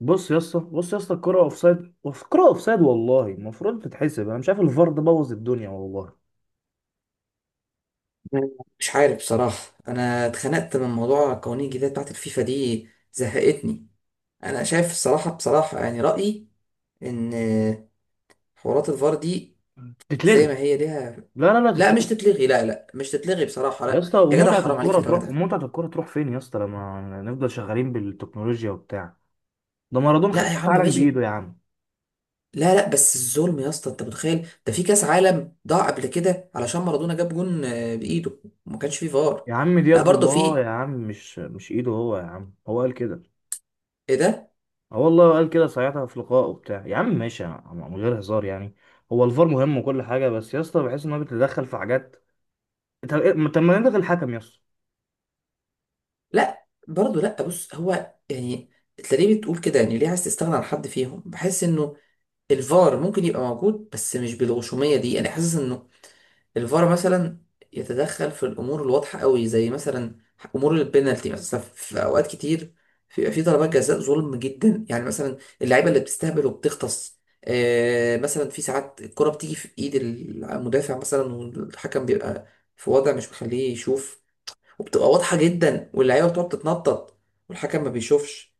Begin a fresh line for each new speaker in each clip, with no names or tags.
بص يا اسطى، الكرة اوفسايد، الكرة اوفسايد. والله المفروض تتحسب. انا مش عارف، الفار ده بوظ الدنيا والله.
مش عارف بصراحة. أنا اتخنقت من موضوع قوانين الجديدة بتاعت الفيفا دي، زهقتني. أنا شايف الصراحة بصراحة، يعني رأيي إن حوارات الفار دي زي
تتلغي،
ما هي ليها.
لا لا لا،
لا مش
تتلغي.
تتلغي، لا لا مش تتلغي بصراحة،
يا
لا
اسطى،
يا جدع،
ومتعة
حرام عليك
الكرة
يا راجل
تروح،
ده.
ومتعة الكرة تروح فين يا اسطى لما نفضل شغالين بالتكنولوجيا وبتاع؟ ده مارادونا خد
لا يا
كأس
عم
عالم
ماشي.
بإيده يا عم.
لا لا، بس الظلم يا اسطى، أنت متخيل؟ ده في كأس عالم ضاع قبل كده علشان مارادونا جاب جون بإيده، وما كانش فيه فار.
يا عم، دي
لا
يد
برضه
الله
في.
يا عم، مش إيده هو يا عم، هو قال كده.
إيه ده؟
اه والله، قال كده ساعتها في لقاء وبتاع. يا عم ماشي يا عم، من غير هزار يعني. هو الفار مهم وكل حاجة، بس يا اسطى بحس إن هو بيتدخل في حاجات. طب ما نلغي الحكم يا اسطى؟
لا برضه، لا بص، هو يعني تلاقيه بتقول كده، يعني ليه عايز تستغنى عن حد فيهم؟ بحس انه الفار ممكن يبقى موجود، بس مش بالغشوميه دي، انا حاسس انه الفار مثلا يتدخل في الامور الواضحه قوي، زي مثلا امور البينالتي، مثلا في اوقات كتير بيبقى في ضربات جزاء ظلم جدا، يعني مثلا اللعيبه اللي بتستهبل وبتغطس. مثلا في ساعات الكره بتيجي في ايد المدافع، مثلا والحكم بيبقى في وضع مش مخليه يشوف، وبتبقى واضحه جدا واللعيبه بتقعد تتنطط والحكم ما بيشوفش،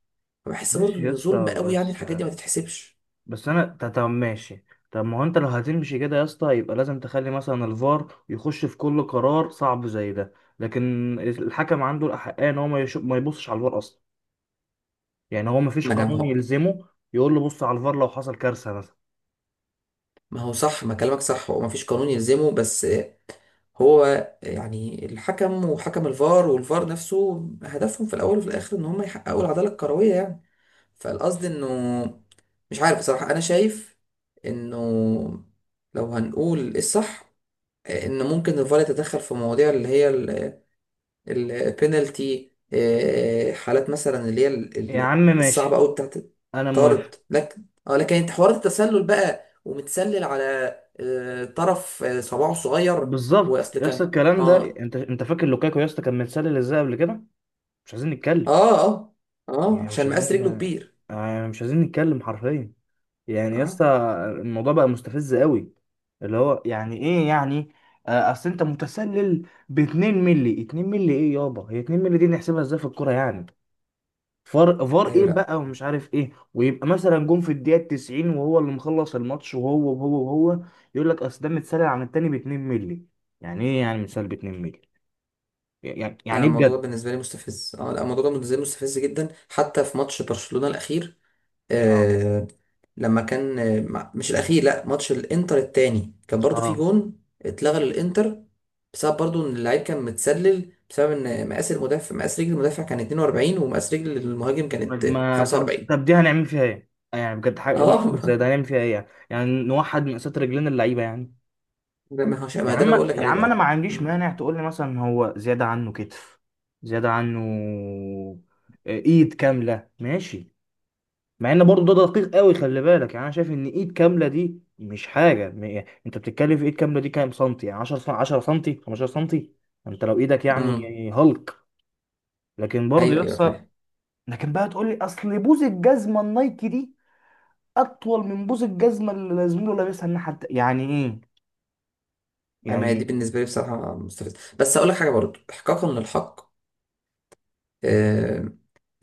فبحس برضو
ماشي يا
ان ظلم
اسطى.
قوي، يعني
بس
الحاجات دي ما تتحسبش.
بس انا طب ماشي. طب ما هو انت لو هتمشي كده يا اسطى، يبقى لازم تخلي مثلا الفار يخش في كل قرار صعب زي ده. لكن الحكم عنده الاحقيه ان هو ما يشوف، ما يبصش على الفار اصلا. يعني هو ما فيش
ما انا
قانون
مه...
يلزمه يقول له بص على الفار لو حصل كارثه مثلا.
ما هو صح، ما كلامك صح، هو ما فيش قانون يلزمه، بس هو يعني الحكم وحكم الفار والفار نفسه هدفهم في الاول وفي الاخر ان هم يحققوا العداله الكرويه يعني، فالقصد انه مش عارف بصراحه، انا شايف انه لو هنقول الصح، ان ممكن الفار يتدخل في مواضيع اللي هي البينالتي، حالات مثلا اللي هي
يا عم ماشي،
الصعبه قوي بتاعت
انا موافق.
طارد. لكن انت حوارات التسلل بقى، ومتسلل على طرف، صباعه صغير.
بالظبط
واصل
يا
كان.
اسطى الكلام ده.
اه،
انت فاكر لوكاكو يا اسطى كان متسلل ازاي قبل كده؟ مش عايزين نتكلم.
اه، اه، اه،
يعني مش
عشان مقاس
عايزين
رجله كبير.
يعني مش عايزين نتكلم حرفيا. يعني يا
اه،
اسطى، الموضوع بقى مستفز قوي. اللي هو يعني ايه يعني؟ اصل انت متسلل ب 2 مللي. 2 مللي ايه يابا؟ هي 2 مللي دي نحسبها ازاي في الكوره يعني؟ فار فار
ايوه،
ايه
لا.
بقى، ومش عارف ايه، ويبقى مثلا جون في الدقيقه 90 وهو اللي مخلص الماتش، وهو وهو وهو يقول لك اصل ده متسلل عن التاني ب 2 مللي. يعني ايه يعني متسلل ب 2 مللي؟ يعني
انا
يعني ايه
الموضوع
بجد؟
ده بالنسبه لي مستفز، لا، الموضوع ده بالنسبه لي مستفز جدا، حتى في ماتش برشلونه الاخير.
اه
آه، لما كان مش الاخير، لا ماتش الانتر التاني، كان برضو في
اه
جون اتلغى للانتر، بسبب برضو ان اللعيب كان متسلل، بسبب ان مقاس المدافع، مقاس رجل المدافع كان 42، ومقاس رجل المهاجم كانت
طب
45.
طب دي هنعمل فيها ايه؟ يعني بجد حاجة ممكن زي ده
اه
هنعمل فيها ايه يعني؟ يعني نوحد مقاسات رجلين اللعيبة يعني؟
ده ما هوش،
يا
ما ده اللي بقول
عم
لك
يا
عليه
عم، انا
بقى.
ما عنديش
مم.
مانع تقول لي مثلا هو زيادة عنه كتف، زيادة عنه ايد كاملة، ماشي. مع ان برضه ده دقيق قوي خلي بالك. يعني انا شايف ان ايد كاملة دي مش حاجة يعني انت بتتكلم في ايد كاملة دي كام سنتي؟ يعني 10 10 سنتي، 15 سنتي. انت لو ايدك
مم.
يعني هالك. لكن برضه
ايوه، ايوه،
يحصل،
فاهم.
لكن بقى تقول لي اصل بوز الجزمة النايكي دي اطول من بوس الجزمه اللي زميله لابسها الناحيه يعني ايه؟
أيوة، ما
يعني
هي دي
ايه؟
بالنسبه لي بصراحه مستفزه، بس اقول لك حاجه برضو احقاقا للحق. آه.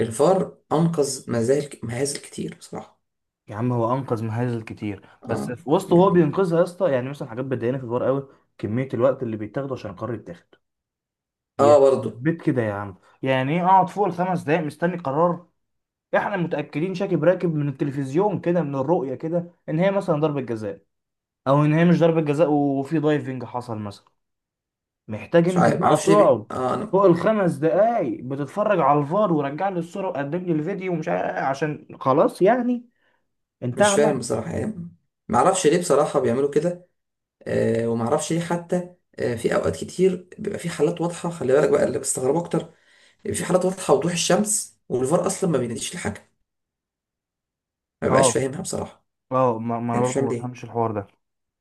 الفار انقذ مهازل كتير بصراحه.
يا عم، هو انقذ مهازل كتير، بس
اه.
في وسط هو
يعني،
بينقذها يا اسطى، يعني مثلا حاجات بتضايقني في الحوار قوي. كميه الوقت اللي بيتاخده عشان القرار يتاخد يا
اه برضو.
بيت كده يا عم. يعني ايه اقعد فوق الخمس دقايق مستني قرار؟ احنا متاكدين شاكب راكب من التلفزيون كده، من الرؤيه كده، ان هي مثلا ضربه جزاء، او ان هي مش ضربه جزاء وفي دايفنج حصل مثلا. محتاج
مش
انت
عارف،
بقى
معرفش ليه بي...
تقعد
آه انا
فوق الخمس دقايق بتتفرج على الفار، ورجع لي الصورة، وقدم لي الفيديو، ومش عارف إيه، عشان خلاص يعني. انت
مش
عمل.
فاهم بصراحة يعني، معرفش ليه بصراحة بيعملوا كده. ومعرفش ليه، حتى في اوقات كتير بيبقى في حالات واضحة، خلي بالك بقى، اللي بستغربه اكتر بيبقى في حالات واضحة وضوح الشمس، والفار اصلا ما بيناديش لحاجة، ما بقاش
اه
فاهمها بصراحة،
اه ما انا
يعني مش
برضه
فاهم
ما
ليه.
بفهمش الحوار ده.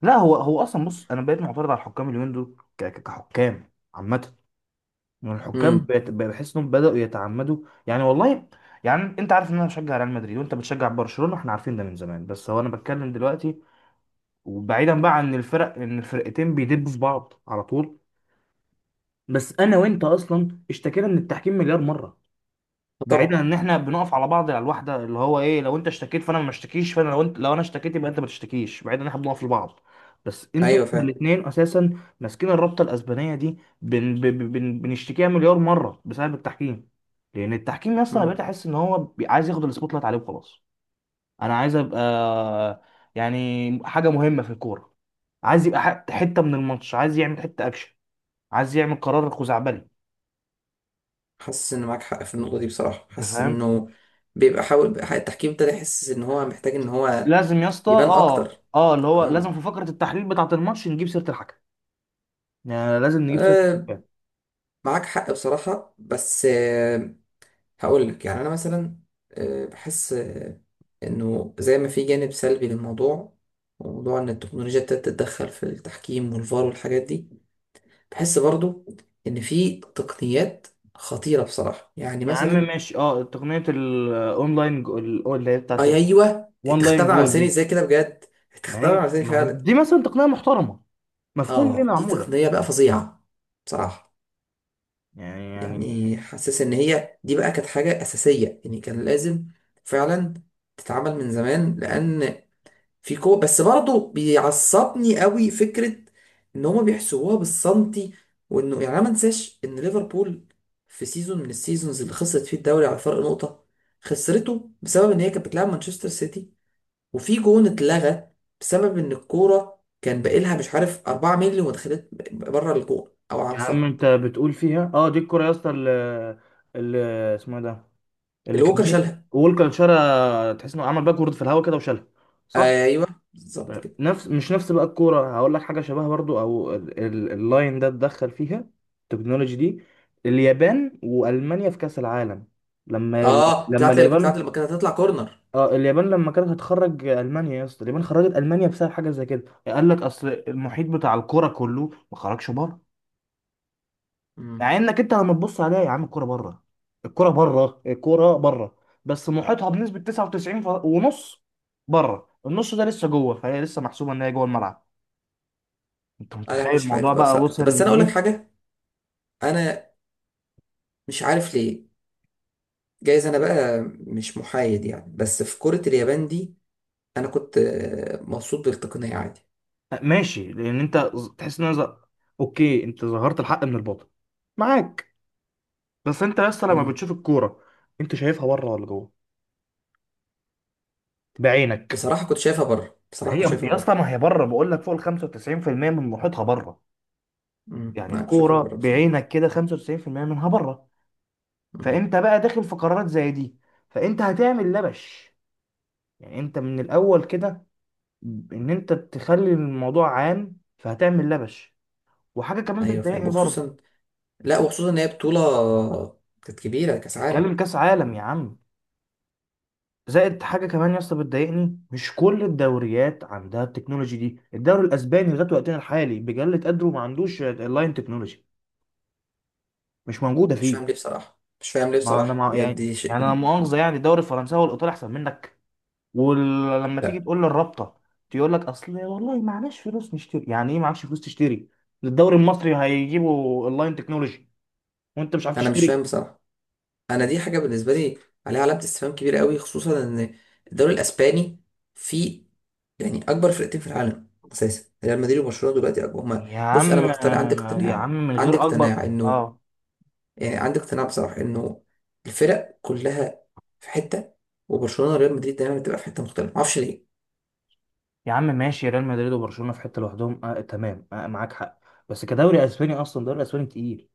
لا، هو اصلا، بص انا بقيت معترض على الحكام اليومين دول كحكام عامة. يعني الحكام
امم.
بقى بحس انهم بدأوا يتعمدوا يعني والله. يعني انت عارف ان انا بشجع ريال مدريد وانت بتشجع برشلونة، احنا عارفين ده من زمان. بس هو انا بتكلم دلوقتي وبعيدا بقى عن الفرق ان الفرقتين بيدبوا في بعض على طول. بس انا وانت اصلا اشتكينا من التحكيم مليار مره، بعيدا
طبعا.
عن ان احنا بنقف على بعض على الواحده اللي هو ايه، لو انت اشتكيت فانا ما اشتكيش، فانا لو انت، لو انا اشتكيت يبقى انت ما تشتكيش، بعيدا ان احنا بنقف لبعض. بس انتوا
ايوه فاهم.
الاثنين اساسا ماسكين الرابطه الاسبانيه دي، بن بن بن بنشتكيها مليار مره بسبب التحكيم. لان التحكيم اصلا بقيت
امم.
احس ان هو عايز ياخد السبوت لايت عليه وخلاص. انا عايز ابقى، يعني حاجه مهمه في الكوره، عايز يبقى حته من الماتش، عايز يعمل حته اكشن، عايز يعمل قرار خزعبلي.
حاسس ان معاك حق في النقطة دي بصراحة،
انت
حاسس
فاهم؟
انه بيبقى حاول بقى التحكيم ابتدى يحس ان هو محتاج ان هو
لازم يا اسطى،
يبان اكتر.
اللي هو لازم
آه.
في فقره التحليل بتاعه الماتش نجيب سيره الحكم. يعني لازم نجيب سيره
آه،
الحكام.
معاك حق بصراحة، بس هقول لك يعني انا مثلا بحس انه زي ما في جانب سلبي للموضوع، وموضوع ان التكنولوجيا ابتدت تتدخل في التحكيم والفار والحاجات دي، بحس برضو ان في تقنيات خطيره بصراحه، يعني
يا عم
مثلا.
ماشي، اه تقنيه الاونلاين اللي هي بتاعه
اي، ايوه.
الوان لاين
تختبر على
جول
لساني
دي.
ازاي كده بجد؟
ما
تختبر
هي
على لساني
ما هي
فعلا.
دي مثلا تقنيه محترمه، مفهوم ليه
اه، دي
معموله.
تقنيه بقى فظيعه بصراحه،
يعني،
يعني حاسس ان هي دي بقى كانت حاجه اساسيه يعني، كان لازم فعلا تتعمل من زمان، لان في كو بس برضه بيعصبني قوي فكرة ان هما بيحسبوها بالسنتي، وانه يعني انا ما انساش ان ليفربول في سيزون من السيزونز اللي خسرت فيه الدوري على فرق نقطة، خسرته بسبب ان هي كانت بتلعب مانشستر سيتي، وفي جون اتلغى بسبب ان الكورة كان باقيلها، مش عارف، 4 مللي، وما دخلت بره الجون او على
يا عم انت
الخط.
بتقول فيها اه، دي الكره يا اسطى اللي اسمه إيه ده، اللي
اللي ووكر
كان،
شالها.
وولكر شالها، تحس انه عمل باكورد في الهواء كده وشالها، صح؟
ايوه بالظبط كده.
نفس مش نفس بقى الكورة، هقول لك حاجة شبهها برضو، او اللاين ده اتدخل فيها، التكنولوجي دي، اليابان وألمانيا في كأس العالم. لما
اه،
لما
بتاعت
اليابان،
بتاعت لما كانت هتطلع كورنر.
اه اليابان لما كانت هتخرج ألمانيا يا اسطى، اليابان خرجت ألمانيا بسبب حاجة زي كده، قال لك اصل المحيط بتاع الكورة كله ما خرجش بره.
مم.
مع انك انت لما تبص عليها يا عم، الكورة بره، الكورة بره، الكورة بره، بس محيطها بنسبة 99 ونص بره، النص ده لسه جوه، فهي لسه محسوبة ان هي جوه الملعب. انت
انا
متخيل
مش عارف
الموضوع
بقى
بقى
بصراحة،
وصل
بس انا
من
اقول لك
ايه؟
حاجة، انا مش عارف ليه، جايز انا بقى مش محايد يعني، بس في كرة اليابان دي انا كنت مبسوط بالتقنية عادي.
ماشي، لان انت تحس ان أنا اوكي، انت ظهرت الحق من الباطل، معاك. بس انت يا اسطى لما
مم.
بتشوف الكوره، انت شايفها بره ولا جوه بعينك؟
بصراحة كنت شايفها بره،
ما
بصراحة
هي
كنت شايفها
يا اسطى،
بره.
ما هي بره، بقول لك فوق ال 95% من محيطها بره.
مم.
يعني
انا كنت شايفها
الكوره
بره بصراحة.
بعينك كده 95% منها بره،
مم.
فانت بقى داخل في قرارات زي دي، فانت هتعمل لبش. يعني انت من الاول كده ان انت تخلي الموضوع عام فهتعمل لبش. وحاجه كمان
ايوه فاهم،
بتضايقني برضه،
وخصوصا، لا وخصوصا ان هي بطولة كانت كبيرة، كاس عالم.
هتكلم كاس عالم يا
مم.
عم. زائد حاجه كمان يا اسطى بتضايقني، مش كل الدوريات عندها التكنولوجي دي، الدوري الاسباني لغايه وقتنا الحالي بجلة قدره ما عندوش اللاين تكنولوجي، مش موجوده
مش
فيه.
فاهم ليه بصراحة، مش فاهم ليه
ما انا
بصراحة
مع
بجد،
يعني،
دي شيء
يعني انا
من...
مؤاخذه يعني، الدوري الفرنساوي والايطالي احسن منك. ولما تيجي
لا
تقول للرابطه تقول لك اصل والله معناش فلوس نشتري. يعني ايه معكش فلوس تشتري؟ الدوري المصري هيجيبوا اللاين تكنولوجي وانت مش عارف
انا مش
تشتري؟
فاهم بصراحة، انا دي حاجه بالنسبه لي عليها علامه استفهام كبيره قوي، خصوصا ان الدوري الاسباني فيه يعني اكبر فرقتين في العالم اساسا، ريال مدريد وبرشلونه دلوقتي، أكبر هما،
يا
بص انا
عم،
مقتنع، عندي
يا عم،
اقتناع،
من
عندي
غير اكبر.
اقتناع انه
اه.
يعني عندي اقتناع بصراحه انه الفرق كلها في حته، وبرشلونه وريال مدريد دايما بتبقى في حته مختلفه، معرفش ليه.
يا عم ماشي، ريال مدريد وبرشلونه في حته لوحدهم، آه تمام، آه معاك حق. بس كدوري اسباني اصلا الدوري الاسباني تقيل،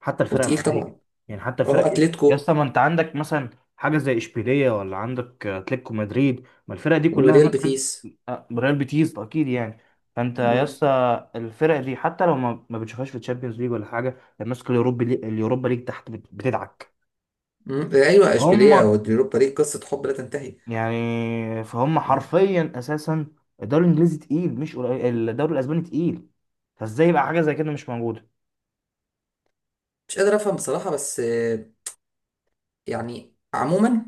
حتى الفرق
وتقيل
العاديه.
طبعا.
يعني حتى
اه،
الفرق إيه؟ يا اسطى،
اتلتيكو.
ما انت عندك مثلا حاجه زي اشبيليه، ولا عندك اتلتيكو مدريد، ما الفرق دي كلها
وريال
مثلا.
بيتيس.
آه ريال بيتيس اكيد يعني. فانت يا
مم.
اسطى الفرق دي حتى لو ما بتشوفهاش في الشامبيونز ليج ولا حاجه، الناس الأوروبي اليوروبا ليج تحت بتدعك.
مم. ايوه،
هم،
اشبيليه واليوروبا ليج قصه حب لا تنتهي.
يعني فهم
آه.
حرفيا اساسا. الدوري الانجليزي تقيل مش قليل، الدوري الاسباني تقيل، فازاي يبقى حاجه زي كده مش موجوده؟
مش قادر افهم بصراحه، بس يعني عموما،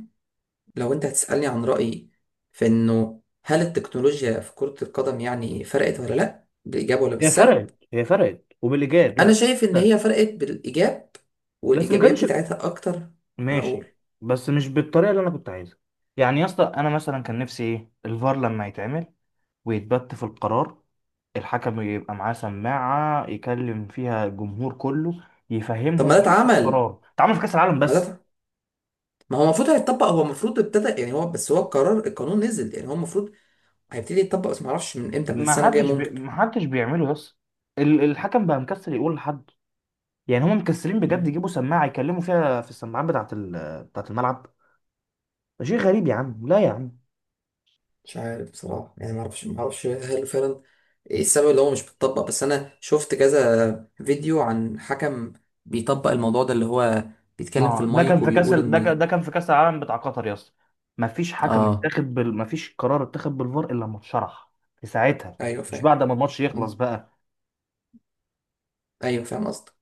لو انت هتسألني عن رأيي في انه هل التكنولوجيا في كرة القدم يعني فرقت ولا لا، بالإيجاب ولا
هي
بالسلب؟
فرقت، هي فرقت وبالإيجاب،
انا
لا.
شايف ان
لا.
هي فرقت بالإيجاب،
بس ما
والإيجابيات
كانش،
بتاعتها اكتر. انا اقول.
ماشي، بس مش بالطريقه اللي انا كنت عايزها. يعني يا اسطى انا مثلا كان نفسي ايه، الفار لما يتعمل ويتبت في القرار، الحكم يبقى معاه سماعه يكلم فيها الجمهور كله،
طب ما
يفهمهم
ده
ايه
اتعمل،
القرار. اتعمل في كاس العالم
ما ده
بس.
اتع- ما هو المفروض هيتطبق، هو المفروض ابتدى يعني، هو بس هو القرار، القانون نزل يعني، هو المفروض هيبتدي يتطبق، بس ما اعرفش من امتى، من السنة الجاية ممكن.
ما حدش بيعمله يس. الحكم بقى مكسل يقول لحد. يعني هم مكسلين بجد يجيبوا سماعه يكلموا فيها في السماعات بتاعه بتاعه الملعب. ده شيء غريب يا عم، لا يا عم.
مش عارف بصراحة يعني، معرفش معرفش هل فعلا ايه السبب اللي هو مش بيطبق؟ بس انا شفت كذا فيديو عن حكم بيطبق الموضوع ده، اللي هو
ما
بيتكلم في
هو
المايك وبيقول
ده كان
ان...
ده كان في كاس العالم بتاع قطر، يس. ما فيش حكم
اه.
اتاخد بال... ما فيش قرار اتاخد بالفار الا لما اتشرح في ساعتها.
ايوه
مش
فاهم.
بعد ما الماتش يخلص
مم.
بقى.
ايوه فاهم قصدك.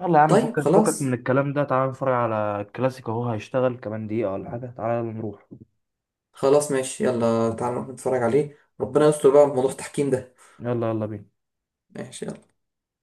يلا يا عم،
طيب
فكك فكك من
خلاص.
الكلام ده، تعالى نتفرج على الكلاسيكو، اهو هيشتغل كمان دقيقه ولا حاجه، تعالى يلا نروح.
خلاص ماشي، يلا تعالى نروح نتفرج عليه، ربنا يستر بقى في موضوع التحكيم ده.
يلا يلا بينا.
ماشي، يلا.